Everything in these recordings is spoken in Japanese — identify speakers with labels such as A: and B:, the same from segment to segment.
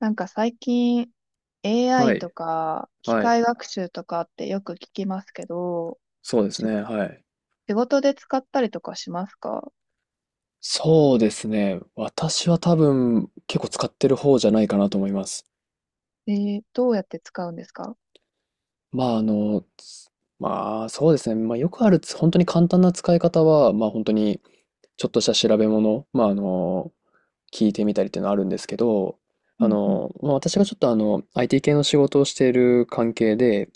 A: なんか最近
B: は
A: AI と
B: い。
A: か機
B: はい。
A: 械学習とかってよく聞きますけど、
B: そうです
A: 仕
B: ね。はい。
A: 仕事で使ったりとかしますか？
B: そうですね。私は多分結構使ってる方じゃないかなと思います。
A: どうやって使うんですか？
B: まああの、つまあそうですね。まあよくある本当に簡単な使い方は、まあ本当にちょっとした調べ物、まあ聞いてみたりっていうのはあるんですけど、
A: うんうん。
B: まあ私がちょっとIT 系の仕事をしている関係で、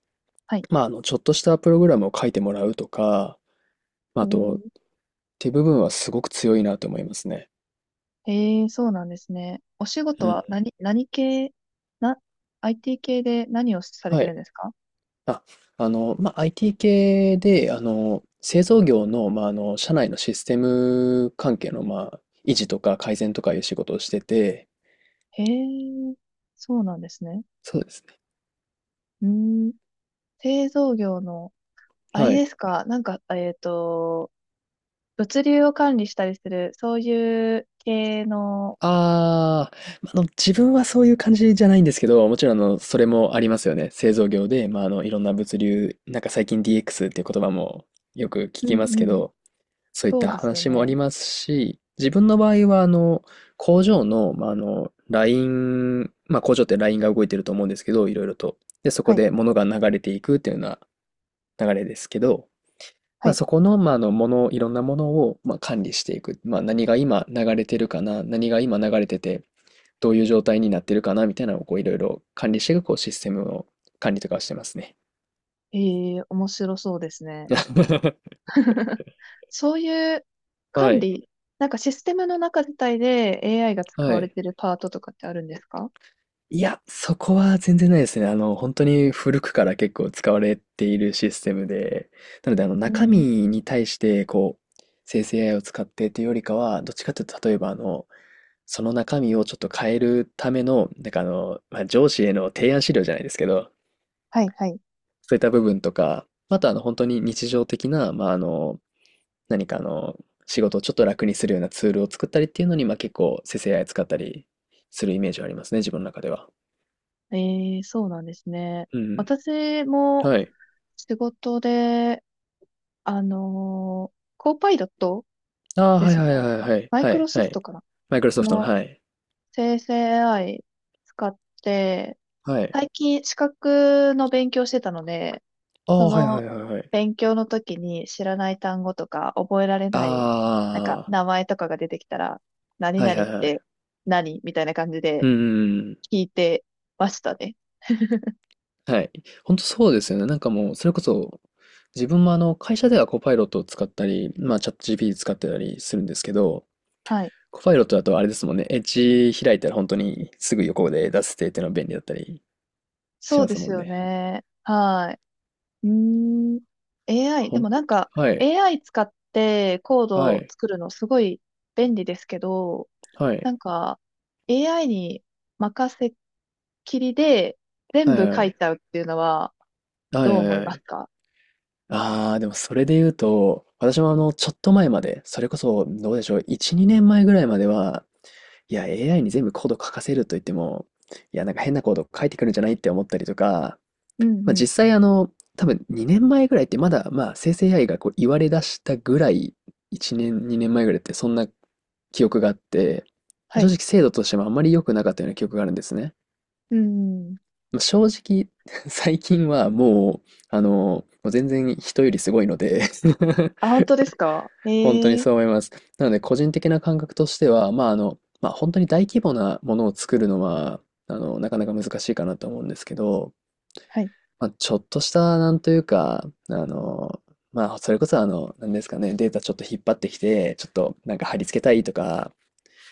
A: はい。
B: まあちょっとしたプログラムを書いてもらうとか、ま
A: え
B: ああと、っ
A: ー、
B: ていう部分はすごく強いなと思いますね。
A: そうなんですね。お仕事
B: うん。
A: は何系、な、IT 系で何をされ
B: は
A: てるん
B: い。
A: ですか？
B: あ、まあ、IT 系で、製造業の、まあ、社内のシステム関係の、まあ、維持とか改善とかいう仕事をしてて、
A: へえ、そうなんですね。
B: そうですね。
A: うーん、製造業の、あれ
B: は
A: で
B: い。
A: すか、なんか、物流を管理したりする、そういう系の。
B: あー、まあ自分はそういう感じじゃないんですけど、もちろん、それもありますよね。製造業で、まあ、いろんな物流、なんか最近 DX っていう言葉もよく聞
A: う
B: きま
A: ん
B: す
A: う
B: け
A: ん。
B: ど、そういっ
A: そう
B: た
A: ですよ
B: 話もあ
A: ね。
B: りますし、自分の場合は、工場の、まあ、ライン、まあ、工場ってラインが動いてると思うんですけど、いろいろと。で、そ
A: は
B: こ
A: い。
B: で物が流れていくっていうような流れですけど、
A: は
B: まあ、
A: い。
B: そこの、まあ、いろんなものを、まあ、管理していく。まあ、何が今流れてるかな、何が今流れてて、どういう状態になってるかな、みたいなのを、こう、いろいろ管理していく、こう、システムの管理とかをしてますね。
A: ええ、面白そうですね。そういう
B: は
A: 管
B: い。
A: 理、なんかシステムの中自体で AI が使
B: は
A: われ
B: い。
A: てるパートとかってあるんですか？
B: いや、そこは全然ないですね。本当に古くから結構使われているシステムで、なので、
A: う
B: 中身
A: ん。
B: に対して、こう、生成 AI を使ってというよりかは、どっちかというと、例えば、その中身をちょっと変えるための、なんかまあ、上司への提案資料じゃないですけど、
A: はい、はい。
B: そういった部分とか、あと、本当に日常的な、まあ、何か仕事をちょっと楽にするようなツールを作ったりっていうのに、まあ、結構生成 AI 使ったりするイメージはありますね、自分の中では。
A: ええ、そうなんですね。
B: うん。
A: 私も
B: はい。
A: 仕事で、コーパイロット
B: ああ、
A: で
B: はい
A: すね。
B: はいはいはい
A: マイ
B: は
A: クロ
B: い、
A: ソ
B: は
A: フ
B: い。
A: トかな
B: マイクロソフトの、
A: の
B: はい。
A: 生成 AI 使って、
B: はい。
A: 最近資格の勉強してたので、
B: ああ、
A: そ
B: はいは
A: の
B: いはいはい。
A: 勉強の時に知らない単語とか覚えられない、なんか
B: あ
A: 名前とかが出てきたら、何
B: あ、はい
A: 々
B: は
A: っ
B: いは
A: て
B: い。
A: 何みたいな感じ
B: う
A: で
B: んうんうん。
A: 聞いてましたね。
B: はい。本当そうですよね。なんかもう、それこそ、自分も会社ではコパイロットを使ったり、まあ、チャット GPT 使ってたりするんですけど、
A: はい。
B: コパイロットだとあれですもんね。エッジ開いたら本当にすぐ横で出せてっていうのは便利だったりし
A: そう
B: ま
A: で
B: す
A: す
B: もん
A: よ
B: ね。
A: ね。はい。うーん。AI、
B: ほ
A: で
B: ん
A: もなんか AI 使ってコードを作るのすごい便利ですけど、なんか、AI に任せっきりで全部書いちゃうっていうのは
B: は
A: ど
B: い
A: う
B: はいはい。はいはいは
A: 思
B: い
A: い
B: はい
A: ま
B: は
A: す
B: い。
A: か？
B: ああ、でもそれで言うと、私もちょっと前まで、それこそ、どうでしょう、1、2年前ぐらいまでは、いや、AI に全部コード書かせると言っても、いや、なんか変なコード書いてくるんじゃないって思ったりとか、
A: うん
B: まあ
A: うん。
B: 実際多分2年前ぐらいってまだ、まあ生成 AI がこう言われ出したぐらい、1年、2年前ぐらいってそんな記憶があって、まあ
A: は
B: 正
A: い。
B: 直精度としてもあんまり良くなかったような記憶があるんですね。
A: うんうん。
B: まあ正直、最近はもう、もう全然人よりすごいので
A: あ、本当ですか？
B: 本当に
A: ええ。
B: そう思います。なので、個人的な感覚としては、まあ、まあ、本当に大規模なものを作るのは、なかなか難しいかなと思うんですけど、
A: はい。
B: まあ、ちょっとした、なんというか、まあ、それこそ、なんですかね、データちょっと引っ張ってきて、ちょっとなんか貼り付けたいとか、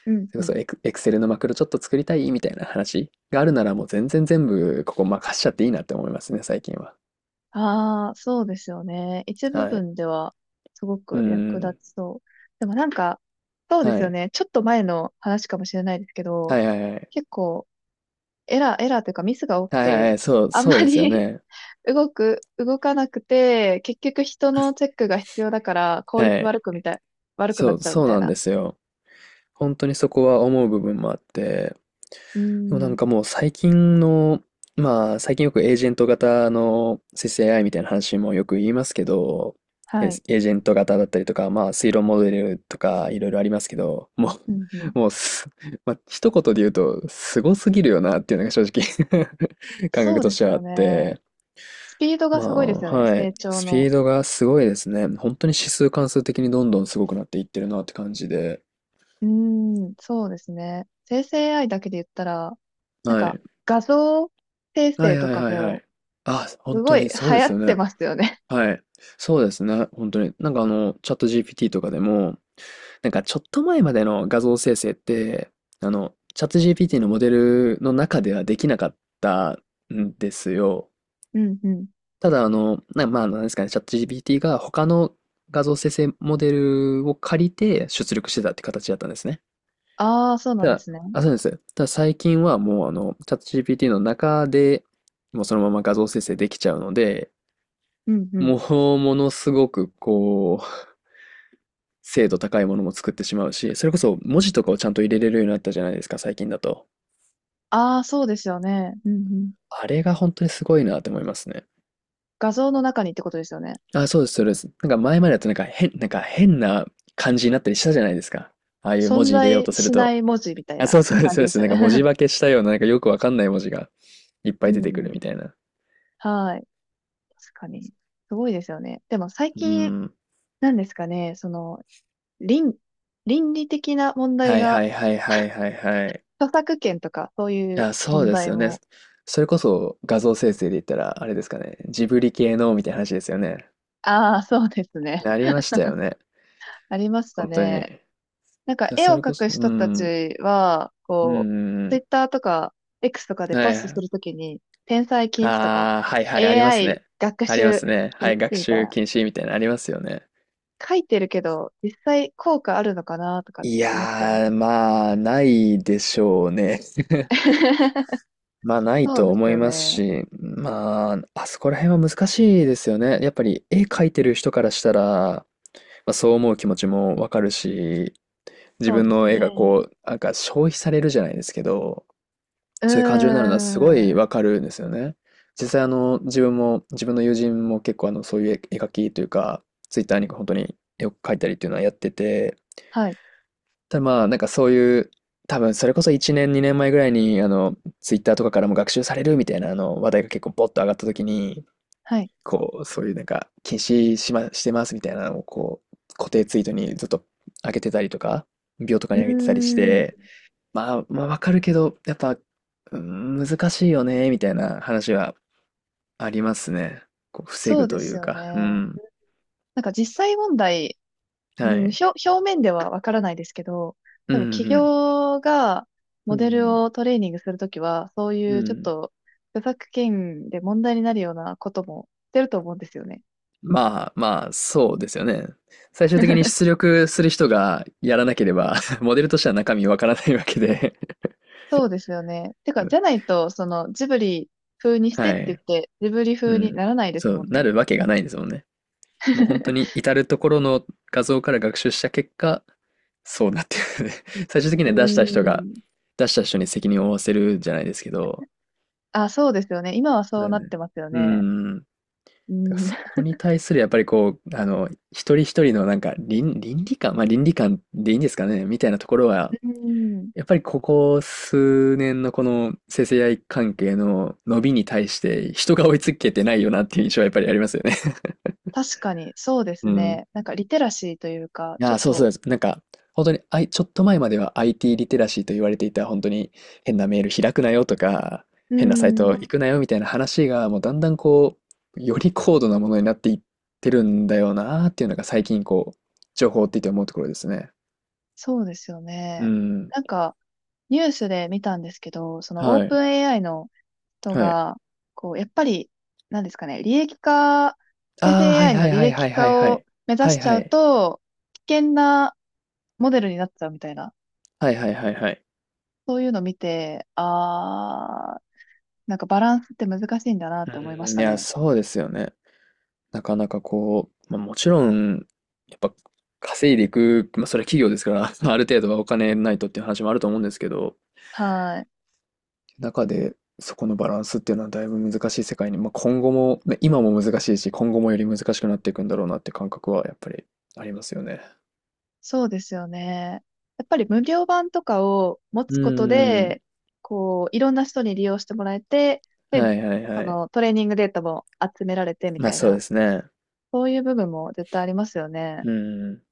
A: うん
B: それ
A: う
B: こそ
A: ん。
B: エクセルのマクロちょっと作りたいみたいな話があるなら、もう全然全部、ここ任しちゃっていいなって思いますね、最近は。
A: ああ、そうですよね。一部
B: はい。
A: 分ではすご
B: う
A: く役立
B: ん。
A: ちそう。でもなんか、そうで
B: は
A: すよ
B: い。
A: ね。ちょっと前の話かもしれないですけ
B: は
A: ど、
B: いはいはい。
A: 結構エラーというかミスが多く
B: はいはいは
A: て、
B: い。そう、
A: あん
B: そう
A: ま
B: ですよ
A: り
B: ね。
A: 動かなくて、結局人のチェックが必要だから効
B: は
A: 率
B: い。
A: 悪くみたい、悪くな
B: そ
A: っ
B: う、
A: ちゃうみ
B: そう
A: たい
B: なん
A: な。
B: ですよ。本当にそこは思う部分もあって、
A: う
B: でもなん
A: ん。
B: かもう最近の、まあ最近よくエージェント型の生成 a イみたいな話もよく言いますけど、エ
A: はい。
B: ージェント型だったりとか、まあ推論モデルとかいろいろありますけど、もう、
A: うんうん。
B: もうす、まあ一言で言うと、すごすぎるよなっていうのが正直 感
A: そ
B: 覚
A: う
B: と
A: で
B: して
A: す
B: はあ
A: よ
B: っ
A: ね。
B: て、
A: スピードが
B: ま
A: すごい
B: あ、
A: ですよね、
B: はい。
A: 成長
B: スピ
A: の。
B: ードがすごいですね。本当に指数関数的にどんどんすごくなっていってるなって感じで。
A: うん、そうですね。生成 AI だけで言ったら、なん
B: は
A: か
B: い。
A: 画像生
B: は
A: 成
B: い
A: と
B: はい
A: か
B: はいは
A: も、
B: い。あ、本
A: すご
B: 当
A: い流
B: にそうで
A: 行
B: す
A: っ
B: よ
A: て
B: ね。
A: ますよね。
B: はい。そうですね。本当に。なんかチャット GPT とかでも、なんかちょっと前までの画像生成って、チャット GPT のモデルの中ではできなかったんですよ。
A: うんうん。
B: ただまあ、なんですかね、チャット GPT が他の画像生成モデルを借りて出力してたって形だったんですね。
A: ああ、そうな
B: た
A: んで
B: だ、
A: すね。
B: あ、そうです。ただ最近はもうチャット GPT の中でもうそのまま画像生成できちゃうので、
A: うんうん。
B: もうものすごくこう、精度高いものも作ってしまうし、それこそ文字とかをちゃんと入れれるようになったじゃないですか、最近だと。
A: ああ、そうですよね。うんうん。
B: あれが本当にすごいなって思いますね。
A: 画像の中にってことですよね。
B: あ、そうです、そうです。なんか前までだとなんか変、なんか変な感じになったりしたじゃないですか。ああいう文
A: 存
B: 字入れよう
A: 在
B: とする
A: しな
B: と。
A: い文字みたい
B: あ、
A: な
B: そうそうです、
A: 感
B: そ
A: じ
B: うで
A: でし
B: す。
A: た
B: な
A: ね。
B: んか文字 化けしたような、なんかよくわかんない文字がいっぱ
A: う
B: い
A: ん
B: 出てくる
A: うん。
B: みたいな。
A: はい。確かに。すごいですよね。でも最
B: う
A: 近、
B: ん。
A: なんですかね、その、倫、倫理的な問題
B: はい
A: が、
B: はいはいはいはいはい。
A: 著作権とかそうい
B: い
A: う
B: や、そう
A: 問
B: です
A: 題
B: よね。
A: も。
B: それこそ画像生成で言ったら、あれですかね。ジブリ系のみたいな話ですよね。
A: ああ、そうですね。
B: ありましたよね。
A: ありました
B: 本当に。
A: ね。なんか絵を
B: それ
A: 描
B: こそ、
A: く
B: うん。
A: 人た
B: うん
A: ちは、
B: う
A: こう、ツイ
B: ん
A: ッターとか X とか
B: う
A: で
B: ん。
A: ポ
B: は
A: ストす
B: い。
A: るときに、転載禁止とか、
B: ああ、はいはい、あります
A: AI
B: ね。
A: 学
B: ありま
A: 習
B: すね。は
A: 禁
B: い、
A: 止
B: 学
A: みたい
B: 習
A: な
B: 禁止みたいなのありますよね。
A: 書いてるけど、実際効果あるのかなとかっ
B: い
A: て思っちゃうんで
B: や
A: す
B: ー、
A: ね。
B: まあ、ないでしょうね。まあ、ない
A: そう
B: と
A: です
B: 思い
A: よ
B: ます
A: ね。
B: し、まあ、あそこら辺は難しいですよね。やっぱり、絵描いてる人からしたら、まあ、そう思う気持ちもわかるし、自
A: そう
B: 分
A: です
B: の絵が
A: ね。
B: こう、なんか消費されるじゃないですけど、
A: うー
B: そういう感情になるのはすごい
A: ん。
B: わかるんですよね。実際自分も、自分の友人も結構そういう絵描きというか、ツイッターに本当によく描いたりっていうのはやってて、
A: はい。
B: ただまあ、なんかそういう、多分それこそ1年、2年前ぐらいに、ツイッターとかからも学習されるみたいな話題が結構ポッと上がった時に、
A: はい。
B: こう、そういうなんか、禁止しま、してますみたいなのをこう、固定ツイートにずっと上げてたりとか、秒とか
A: う
B: に
A: ー
B: 上げてたりして、
A: ん。
B: まあわかるけど、やっぱ、うーん、難しいよね、みたいな話はありますね。こう、防
A: そ
B: ぐ
A: うで
B: とい
A: す
B: う
A: よ
B: か、う
A: ね。
B: ん。
A: なんか実際問題、う
B: は
A: ん、
B: い。
A: 表面ではわからないですけど、
B: う
A: 多
B: ん、
A: 分企
B: うん、
A: 業が
B: う
A: モデル
B: ん、
A: をトレーニングするときは、そう
B: う
A: いうちょっ
B: ん。
A: と著作権で問題になるようなこともしてると思うんですよね。
B: まあまあ、そうですよね。最終的に出力する人がやらなければ モデルとしては中身わからないわけで
A: そうですよね。てか、じゃな いと、その、ジブリ風にして
B: は
A: って言っ
B: い。
A: て、ジブリ
B: う
A: 風に
B: ん。
A: ならないです
B: そ
A: も
B: う、
A: ん
B: な
A: ね。
B: るわけがないですもんね。もう本当に 至るところの画像から学習した結果、そうなってるね。最終的に
A: う
B: は
A: ーん。
B: 出した人に責任を負わせるじゃないですけど、
A: あ、そうですよね。今はそ
B: う
A: うなっ
B: ん。
A: てますよ
B: う
A: ね。
B: ん。だ
A: う
B: から
A: ん。
B: そ こ
A: う
B: に対するやっぱりこう、一人一人のなんか倫理観、まあ倫理観でいいんですかね、みたいなところは、
A: ーん。
B: やっぱりここ数年のこの生成 a 関係の伸びに対して人が追いつけてないよなっていう印象はやっぱりありますよね。
A: 確かに、そうで
B: う
A: す
B: ん。
A: ね。なんか、リテラシーというか、ち
B: あ
A: ょっ
B: あ、そうそう
A: と、
B: です。なんか、本当に、ちょっと前までは IT リテラシーと言われていた、本当に変なメール開くなよとか、
A: うー
B: 変なサイト行くな
A: ん。
B: よみたいな話が、もうだんだんこう、より高度なものになっていってるんだよなーっていうのが最近こう、情報を追っていて思うところですね。
A: そうですよ
B: う
A: ね。
B: ん。
A: なんか、ニュースで見たんですけど、その、オー
B: はい。
A: プン AI の人
B: はい。
A: が、こう、やっぱり、なんですかね、利益化、生
B: ああ、
A: 成
B: はい
A: AI
B: は
A: の
B: い
A: 履
B: はいは
A: 歴
B: いはいは
A: 化を
B: い。
A: 目指
B: は
A: し
B: い
A: ち
B: は
A: ゃう
B: い。
A: と、危険なモデルになっちゃうみたいな、
B: はいはいはいはい。
A: そういうのを見て、あー、なんかバランスって難しいんだなって思いまし
B: うん、い
A: た
B: や、
A: ね。
B: そうですよね。なかなかこう、まあ、もちろん、やっぱ稼いでいく、まあ、それは企業ですから、ある程度はお金ないとっていう話もあると思うんですけど、
A: はい。
B: 中でそこのバランスっていうのはだいぶ難しい世界に、まあ、今後も、まあ今も難しいし、今後もより難しくなっていくんだろうなって感覚はやっぱりありますよね。
A: そうですよね。やっぱり無料版とかを持
B: う
A: つこと
B: ーん。
A: で、こう、いろんな人に利用してもらえて、で、
B: はいはい
A: そ
B: はい。
A: のトレーニングデータも集められてみ
B: まあ
A: たい
B: そう
A: な、
B: ですね。
A: そういう部分も絶対ありますよね。
B: うん。やっ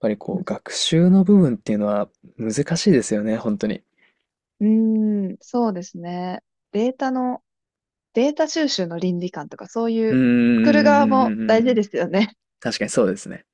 B: ぱりこ
A: む
B: う、
A: ず
B: 学習の部分っていうのは難しいですよね、本当に。
A: うーん、そうですね。データの、データ収集の倫理観とか、そうい
B: うん
A: う、
B: うん
A: 作る
B: う
A: 側
B: んうん
A: も
B: う
A: 大
B: んう
A: 事
B: ん。
A: ですよね。
B: 確かにそうですね。